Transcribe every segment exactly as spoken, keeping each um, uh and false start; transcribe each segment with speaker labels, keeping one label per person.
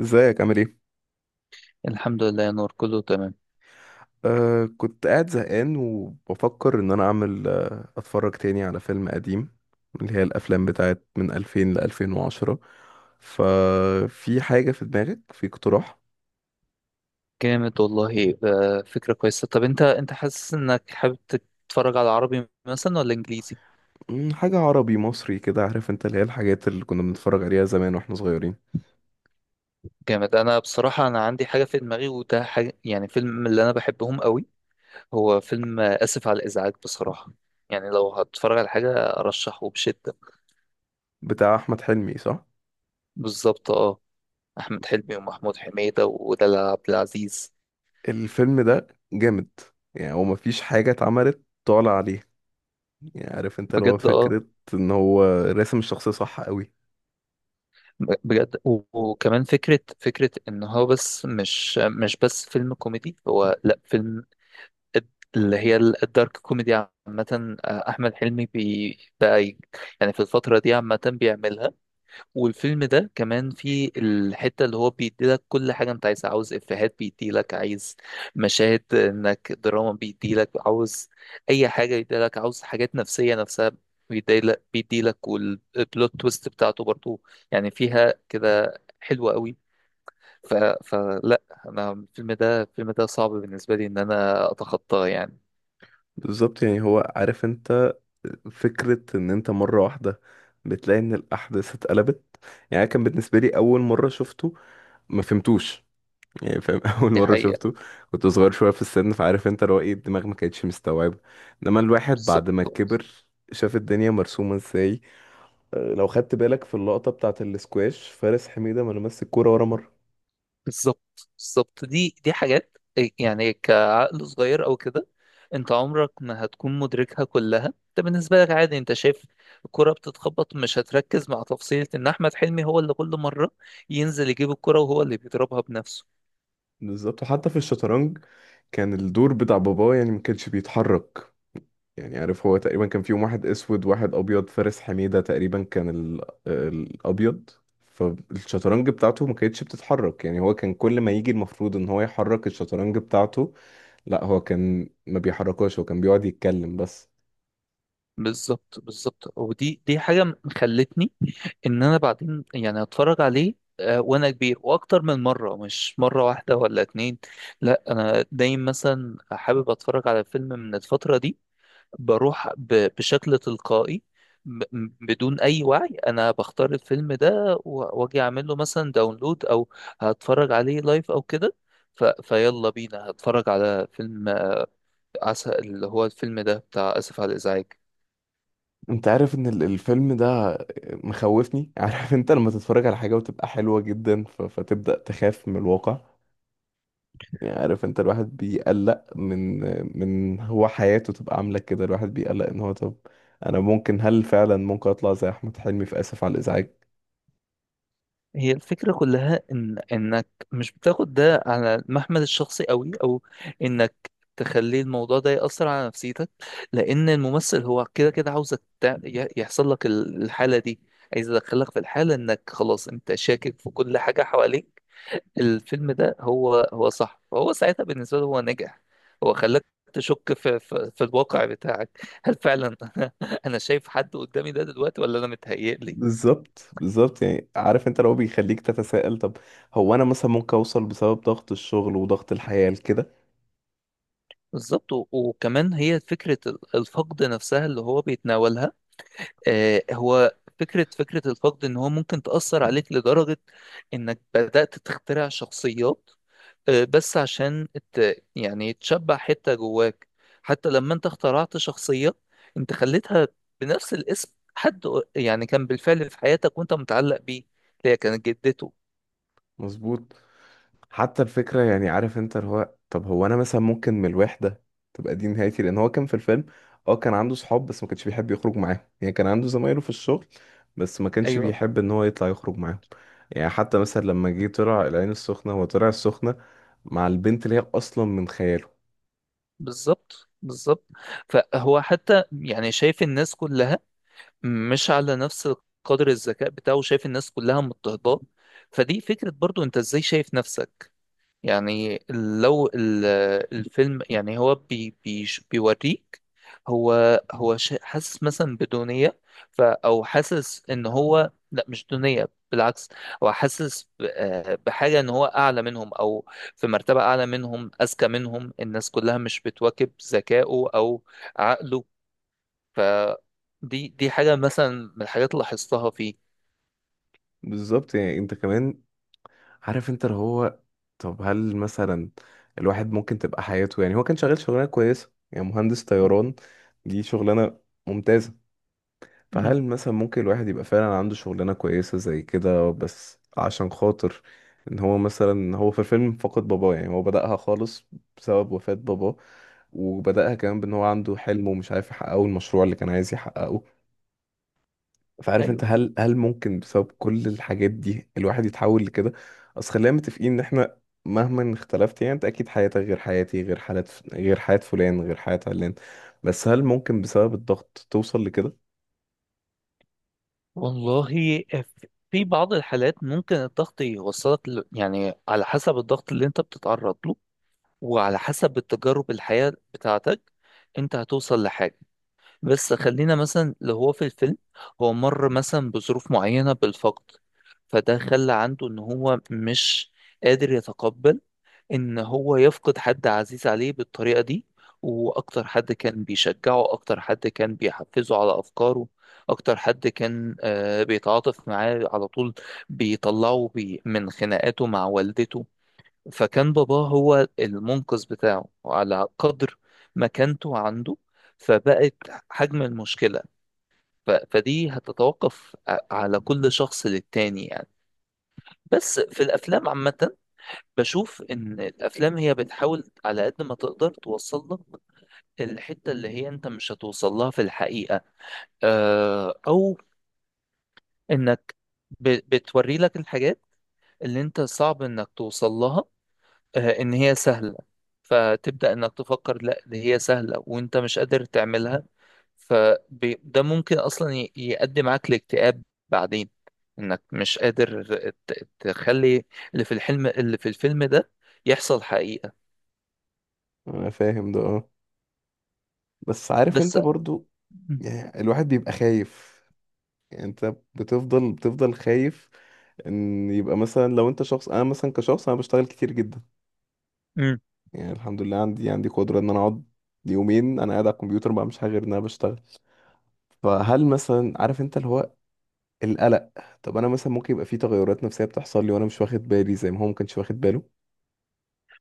Speaker 1: ازيك عامل ايه؟
Speaker 2: الحمد لله يا نور، كله تمام.
Speaker 1: آه كنت قاعد زهقان وبفكر ان انا اعمل آه اتفرج تاني على فيلم قديم، اللي هي الافلام بتاعت من ألفين ل ألفين وعشرة. ففي حاجة في دماغك، في اقتراح؟
Speaker 2: جامد والله. آه، فكرة كويسة. طب انت انت حاسس انك حابب تتفرج على عربي مثلا ولا انجليزي؟
Speaker 1: مم، حاجة عربي مصري كده. عارف انت اللي هي الحاجات اللي كنا بنتفرج عليها زمان واحنا صغيرين.
Speaker 2: جامد. انا بصراحة انا عندي حاجة في دماغي، وده حاجة يعني فيلم من اللي انا بحبهم قوي. هو فيلم آه، اسف على الازعاج. بصراحة يعني لو هتتفرج على حاجة ارشحه بشدة.
Speaker 1: بتاع احمد حلمي صح؟
Speaker 2: بالظبط اه. احمد حلمي ومحمود حميدة ودلال عبد العزيز.
Speaker 1: الفيلم ده جامد. يعني هو مفيش حاجة اتعملت طالع عليه. يعني عارف انت اللي هو
Speaker 2: بجد اه.
Speaker 1: فكرة ان هو راسم الشخصية صح قوي.
Speaker 2: ب- بجد و- وكمان فكرة فكرة إن هو بس مش مش بس فيلم كوميدي، هو لأ فيلم. الد- اللي هي ال- الدارك كوميدي عامة. آه، أحمد حلمي بي بقى ي- يعني في الفترة دي عامة بيعملها. والفيلم ده كمان فيه الحتة اللي هو بيديلك كل حاجة أنت عايزها، عاوز إفيهات بيديلك، عايز مشاهد إنك دراما بيديلك، عاوز أي حاجة بيديلك، عاوز حاجات نفسية نفسها بيديلك بيديلك، والبلوت تويست بتاعته برضو يعني فيها كده حلوة قوي. ف... فلا أنا الفيلم ده الفيلم ده صعب بالنسبة لي إن أنا أتخطاه يعني.
Speaker 1: بالظبط، يعني هو عارف انت فكرة ان انت مرة واحدة بتلاقي ان الاحداث اتقلبت. يعني كان بالنسبة لي اول مرة شفته ما فهمتوش. يعني فاهم اول
Speaker 2: دي
Speaker 1: مرة
Speaker 2: حقيقة.
Speaker 1: شفته كنت صغير شوية في السن، فعارف انت اللي هو ايه، الدماغ ما كانتش مستوعبة. انما الواحد
Speaker 2: بالظبط،
Speaker 1: بعد ما كبر شاف الدنيا مرسومة ازاي. أه، لو خدت بالك في اللقطة بتاعة الاسكواش، فارس حميدة ما لمس الكورة ولا مرة.
Speaker 2: بالظبط، بالظبط. دي دي حاجات إيه، يعني كعقل صغير او كده انت عمرك ما هتكون مدركها كلها. انت بالنسبة لك عادي، انت شايف الكرة بتتخبط، مش هتركز مع تفصيلة ان احمد حلمي هو اللي كل مرة ينزل يجيب الكرة وهو اللي بيضربها بنفسه.
Speaker 1: بالظبط، وحتى في الشطرنج كان الدور بتاع باباه يعني ما كانش بيتحرك. يعني عارف، هو تقريبا كان فيهم واحد اسود واحد ابيض، فارس حميدة تقريبا كان ال... الابيض. فالشطرنج بتاعته ما كانتش بتتحرك، يعني هو كان كل ما يجي المفروض ان هو يحرك الشطرنج بتاعته، لا هو كان ما بيحركهاش، هو كان بيقعد يتكلم بس.
Speaker 2: بالظبط، بالظبط. ودي دي حاجة خلتني ان انا بعدين يعني اتفرج عليه آه، وانا كبير واكتر من مره، مش مره واحده ولا اتنين. لا، انا دايما مثلا حابب اتفرج على فيلم من الفتره دي، بروح ب- بشكل تلقائي، ب- م- بدون اي وعي. انا بختار الفيلم ده و- واجي اعمل له مثلا داونلود او هتفرج عليه لايف او كده. ف... فيلا بينا هتفرج على فيلم عسل، اللي هو الفيلم ده بتاع اسف على الازعاج.
Speaker 1: انت عارف ان ال- الفيلم ده مخوفني عارف انت لما تتفرج على حاجة وتبقى حلوة جدا ف... فتبدأ تخاف من الواقع. يعني عارف انت الواحد بيقلق من من هو حياته تبقى عاملة كده، الواحد بيقلق ان هو طب انا ممكن، هل فعلا ممكن اطلع زي احمد حلمي في اسف على الازعاج؟
Speaker 2: هي الفكرة كلها إن إنك مش بتاخد ده على المحمل الشخصي قوي، أو إنك تخلي الموضوع ده يأثر على نفسيتك، لأن الممثل هو كده كده عاوزك تع- ي- يحصل لك ال- الحالة دي. عايز يدخلك في الحالة إنك خلاص أنت شاكك في كل حاجة حواليك. الفيلم ده هو هو صح، فهو ساعتها بالنسبة له هو نجح. هو خلاك تشك في, في, في الواقع بتاعك. هل فعلا أنا شايف حد قدامي ده دلوقتي ولا أنا متهيألي؟
Speaker 1: بالظبط بالظبط، يعني عارف انت لو بيخليك تتساءل طب هو انا مثلا ممكن اوصل بسبب ضغط الشغل وضغط الحياة لكده.
Speaker 2: بالظبط. و- وكمان هي فكرة ال- الفقد نفسها اللي هو بيتناولها. آه، هو فكرة فكرة الفقد إن هو ممكن تأثر عليك لدرجة إنك بدأت تخترع شخصيات، آه، بس عشان ت- يعني تشبع حتة جواك. حتى لما أنت اخترعت شخصية، أنت خليتها بنفس الاسم، حد قر- يعني كان بالفعل في حياتك وأنت متعلق بيه، اللي هي كانت جدته.
Speaker 1: مظبوط. حتى الفكرة، يعني عارف انت اللي هو طب هو انا مثلا ممكن من الوحدة تبقى دي نهايتي، لان هو كان في الفيلم اه كان عنده صحاب بس ما كانش بيحب يخرج معاهم. يعني كان عنده زمايله في الشغل بس ما كانش
Speaker 2: أيوه،
Speaker 1: بيحب ان هو يطلع يخرج معاهم. يعني حتى مثلا لما جه طلع العين السخنة، هو طلع السخنة مع البنت اللي هي اصلا من خياله.
Speaker 2: بالظبط، بالظبط. فهو حتى يعني شايف الناس كلها مش على نفس قدر الذكاء بتاعه، وشايف الناس كلها مضطهداه. فدي فكرة برضو، انت ازاي شايف نفسك؟ يعني لو ال- الفيلم يعني هو بي بي بيوريك هو هو شا- حاسس مثلا بدونية، ف او حاسس ان هو لا مش دونية بالعكس، هو حاسس ب- آه، بحاجة ان هو اعلى منهم، او في مرتبة اعلى منهم، اذكى منهم، الناس كلها مش بتواكب ذكائه او عقله. فدي دي حاجة مثلا من الحاجات اللي لاحظتها فيه.
Speaker 1: بالظبط، يعني انت كمان عارف انت اللي هو طب هل مثلا الواحد ممكن تبقى حياته، يعني هو كان شغال شغلانة كويسة، يعني مهندس طيران، دي شغلانة ممتازة.
Speaker 2: مم.
Speaker 1: فهل مثلا ممكن الواحد يبقى فعلا عنده شغلانة كويسة زي كده، بس عشان خاطر ان هو مثلا، هو في الفيلم فقد باباه يعني هو بدأها خالص بسبب وفاة باباه، وبدأها كمان بان هو عنده حلم ومش عارف يحققه، المشروع اللي كان عايز يحققه. فعارف انت،
Speaker 2: ايوه،
Speaker 1: هل هل ممكن بسبب كل الحاجات دي الواحد يتحول لكده؟ اصل خلينا متفقين ان احنا مهما اختلفت، يعني انت اكيد حياتك غير حياتي غير حالات غير حياة فلان غير حياة علان، بس هل ممكن بسبب الضغط توصل لكده؟
Speaker 2: والله. ف- في بعض الحالات ممكن الضغط يوصلك ل... يعني على حسب الضغط اللي انت بتتعرض له وعلى حسب التجارب الحياة بتاعتك انت هتوصل لحاجة. بس خلينا مثلا اللي هو في الفيلم، هو مر مثلا بظروف معينة بالفقد، فده خلى عنده ان هو مش قادر يتقبل ان هو يفقد حد عزيز عليه بالطريقة دي. واكتر حد كان بيشجعه، اكتر حد كان بيحفزه على افكاره، اكتر حد كان آه، بيتعاطف معاه على طول، بيطلعه بي من خناقاته مع والدته. فكان باباه هو المنقذ بتاعه، على قدر مكانته عنده فبقت حجم المشكلة. ف- فدي هتتوقف ع- على كل شخص للتاني يعني. بس في الأفلام عامة بشوف إن الأفلام هي بتحاول على قد ما تقدر توصل لك الحتة اللي هي أنت مش هتوصل لها في الحقيقة، آه، أو إنك ب- بتوري لك الحاجات اللي أنت صعب إنك توصل لها، آه، إن هي سهلة. فتبدأ إنك تفكر لا دي هي سهلة وأنت مش قادر تعملها. فده ممكن أصلا ي- يؤدي معاك لاكتئاب بعدين، إنك مش قادر ت- تخلي اللي في الحلم، اللي في الفيلم ده، يحصل حقيقة.
Speaker 1: انا فاهم ده اه، بس عارف انت
Speaker 2: بس
Speaker 1: برضو
Speaker 2: مم.
Speaker 1: يعني الواحد بيبقى خايف. يعني انت بتفضل بتفضل خايف ان يبقى مثلا لو انت شخص، انا مثلا كشخص انا بشتغل كتير جدا. يعني الحمد لله عندي عندي قدرة ان انا اقعد يومين انا قاعد على الكمبيوتر ما بعملش حاجه غير ان انا بشتغل. فهل مثلا عارف انت اللي هو القلق، طب انا مثلا ممكن يبقى في تغيرات نفسيه بتحصل لي وانا مش واخد بالي زي ما هو ما كانش واخد باله؟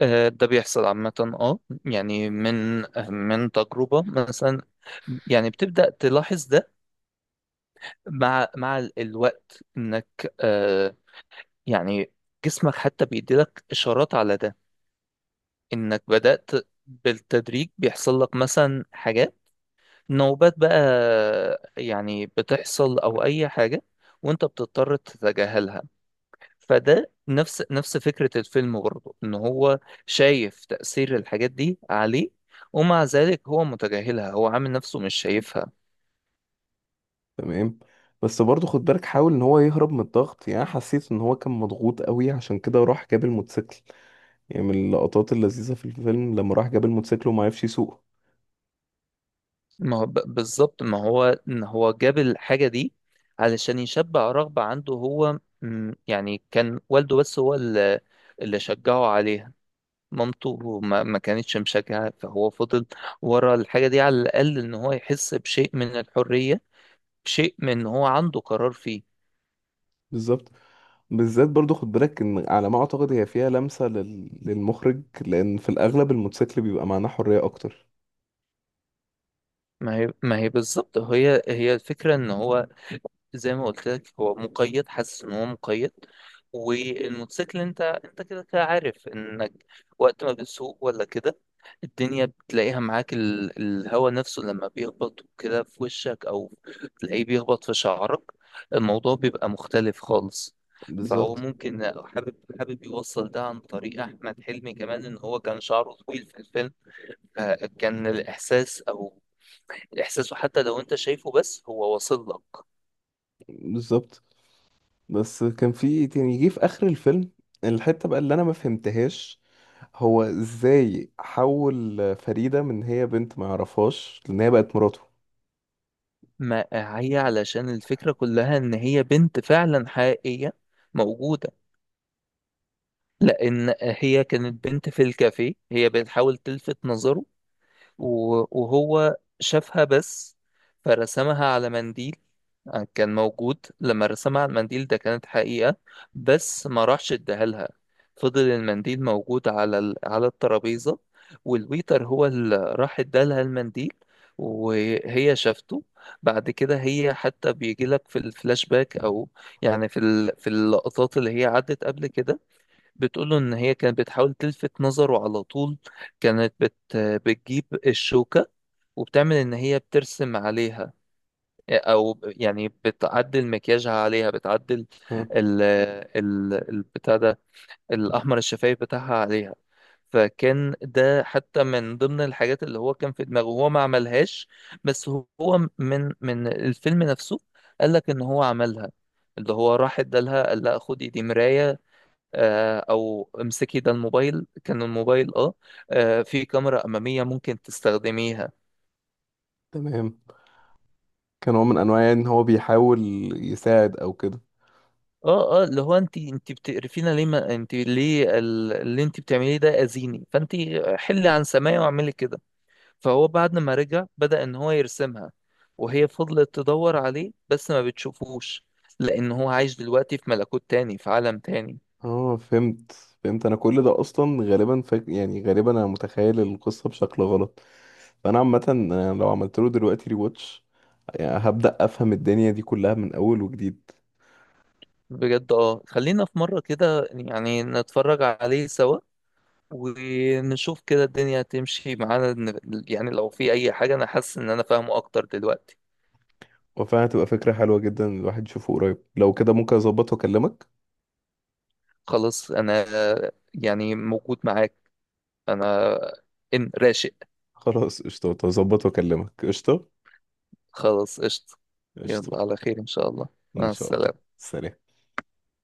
Speaker 2: آه، ده بيحصل عامة. اه، يعني من من تجربة مثلا يعني بتبدأ تلاحظ ده مع مع ال- الوقت، انك آه، يعني جسمك حتى بيديلك اشارات على ده، انك بدأت بالتدريج بيحصل لك مثلا حاجات، نوبات بقى يعني بتحصل او اي حاجة، وانت بتضطر تتجاهلها. فده نفس نفس فكرة الفيلم برضه، ان هو شايف تأثير الحاجات دي عليه، ومع ذلك هو متجاهلها، هو عامل نفسه مش شايفها.
Speaker 1: تمام. بس برضه خد بالك، حاول ان هو يهرب من الضغط، يعني أنا حسيت ان هو كان مضغوط قوي عشان كده راح جاب الموتوسيكل. يعني من اللقطات اللذيذة في الفيلم لما راح جاب الموتوسيكل وما عرفش يسوقه.
Speaker 2: ما هو ب- بالظبط، ما هو ان هو جاب الحاجة دي علشان يشبع رغبة عنده. هو م، يعني كان والده بس هو اللي اللي شجعه عليها، مامته ما, ما كانتش مشجعة، فهو فضل ورا الحاجة دي على الأقل ان هو يحس بشيء من الحرية، شيء من ان هو عنده قرار فيه.
Speaker 1: بالظبط. بالذات برضو خد بالك ان على ما اعتقد هي فيها لمسة لل... للمخرج، لان في الاغلب الموتوسيكل بيبقى معناه حرية اكتر.
Speaker 2: ما هي ما هي بالظبط، هي هي الفكرة ان هو زي ما قلت لك هو مقيد حاسس ان هو مقيد. والموتوسيكل انت انت كده كده عارف انك وقت ما بتسوق ولا كده الدنيا بتلاقيها معاك ال... الهوا نفسه لما بيخبط كده في وشك، او تلاقيه بيخبط في شعرك، الموضوع بيبقى مختلف خالص. فهو
Speaker 1: بالظبط
Speaker 2: ممكن حابب حابب يوصل ده عن طريق احمد حلمي كمان، ان هو كان شعره طويل في الفيلم. فكان الاحساس او الاحساس حتى لو انت شايفه بس هو واصل لك.
Speaker 1: بالظبط. بس كان في، يعني جه في اخر الفيلم الحتة بقى اللي انا ما فهمتهاش، هو ازاي حول فريدة من هي بنت ما يعرفهاش لان هي بقت مراته؟
Speaker 2: ما هي علشان الفكرة كلها ان هي بنت فعلا حقيقية موجودة، لان هي كانت بنت في الكافيه هي بتحاول تلفت نظره، و- وهو شافها بس فرسمها على منديل. آه، كان موجود لما رسمها على المنديل ده كانت حقيقة. بس ما راحش اداها لها، فضل المنديل موجود على ال... على الترابيزة، والويتر هو اللي راح ادالها المنديل وهي شافته. بعد كده هي حتى بيجي لك في الفلاش باك او يعني في ال... في اللقطات اللي هي عدت قبل كده بتقوله ان هي كانت بتحاول تلفت نظره على طول. كانت بت بتجيب الشوكة وبتعمل ان هي بترسم عليها او يعني بتعدل مكياجها عليها، بتعدل
Speaker 1: ها.
Speaker 2: ال ال البتاع ده، الاحمر الشفايف بتاعها عليها. فكان ده حتى من ضمن الحاجات اللي هو كان في دماغه هو ما عملهاش، بس هو من من الفيلم نفسه قال لك ان هو عملها، اللي هو راح ادالها قال لها خدي دي مراية، آه، او امسكي ده الموبايل كان الموبايل اه، آه، في كاميرا اماميه ممكن تستخدميها.
Speaker 1: تمام، كان هو من انواع يعني ان هو بيحاول يساعد او كده.
Speaker 2: اه، اه، اللي هو انت انت بتقرفينا ليه؟ ما انت ليه ال- اللي انت بتعمليه ده اذيني، فانت حلي عن سماعي واعملي كده. فهو بعد ما رجع بدأ ان هو يرسمها، وهي فضلت تدور عليه بس ما بتشوفوش، لان هو عايش دلوقتي في ملكوت تاني، في عالم تاني.
Speaker 1: اه فهمت، فهمت. انا كل ده اصلا غالبا فاك... يعني غالبا انا متخيل القصه بشكل غلط. فانا عامه أنا لو عملت له دلوقتي ريواتش يعني هبدا افهم الدنيا دي كلها من اول وجديد.
Speaker 2: بجد اه، خلينا في مرة كده يعني نتفرج عليه سوا ونشوف كده الدنيا هتمشي معانا. ن- يعني لو في اي حاجة انا حاسس ان انا فاهمه اكتر دلوقتي.
Speaker 1: وفعلا هتبقى فكره حلوه جدا الواحد يشوفه قريب، لو كده ممكن اظبط واكلمك.
Speaker 2: خلاص انا يعني موجود معاك. انا ان راشق.
Speaker 1: خلاص قشطه، اظبط واكلمك، قشطه،
Speaker 2: خلاص، قشطة.
Speaker 1: قشطه.
Speaker 2: يلا، على خير ان شاء الله.
Speaker 1: ان
Speaker 2: مع
Speaker 1: شاء الله.
Speaker 2: السلامة.
Speaker 1: سلام.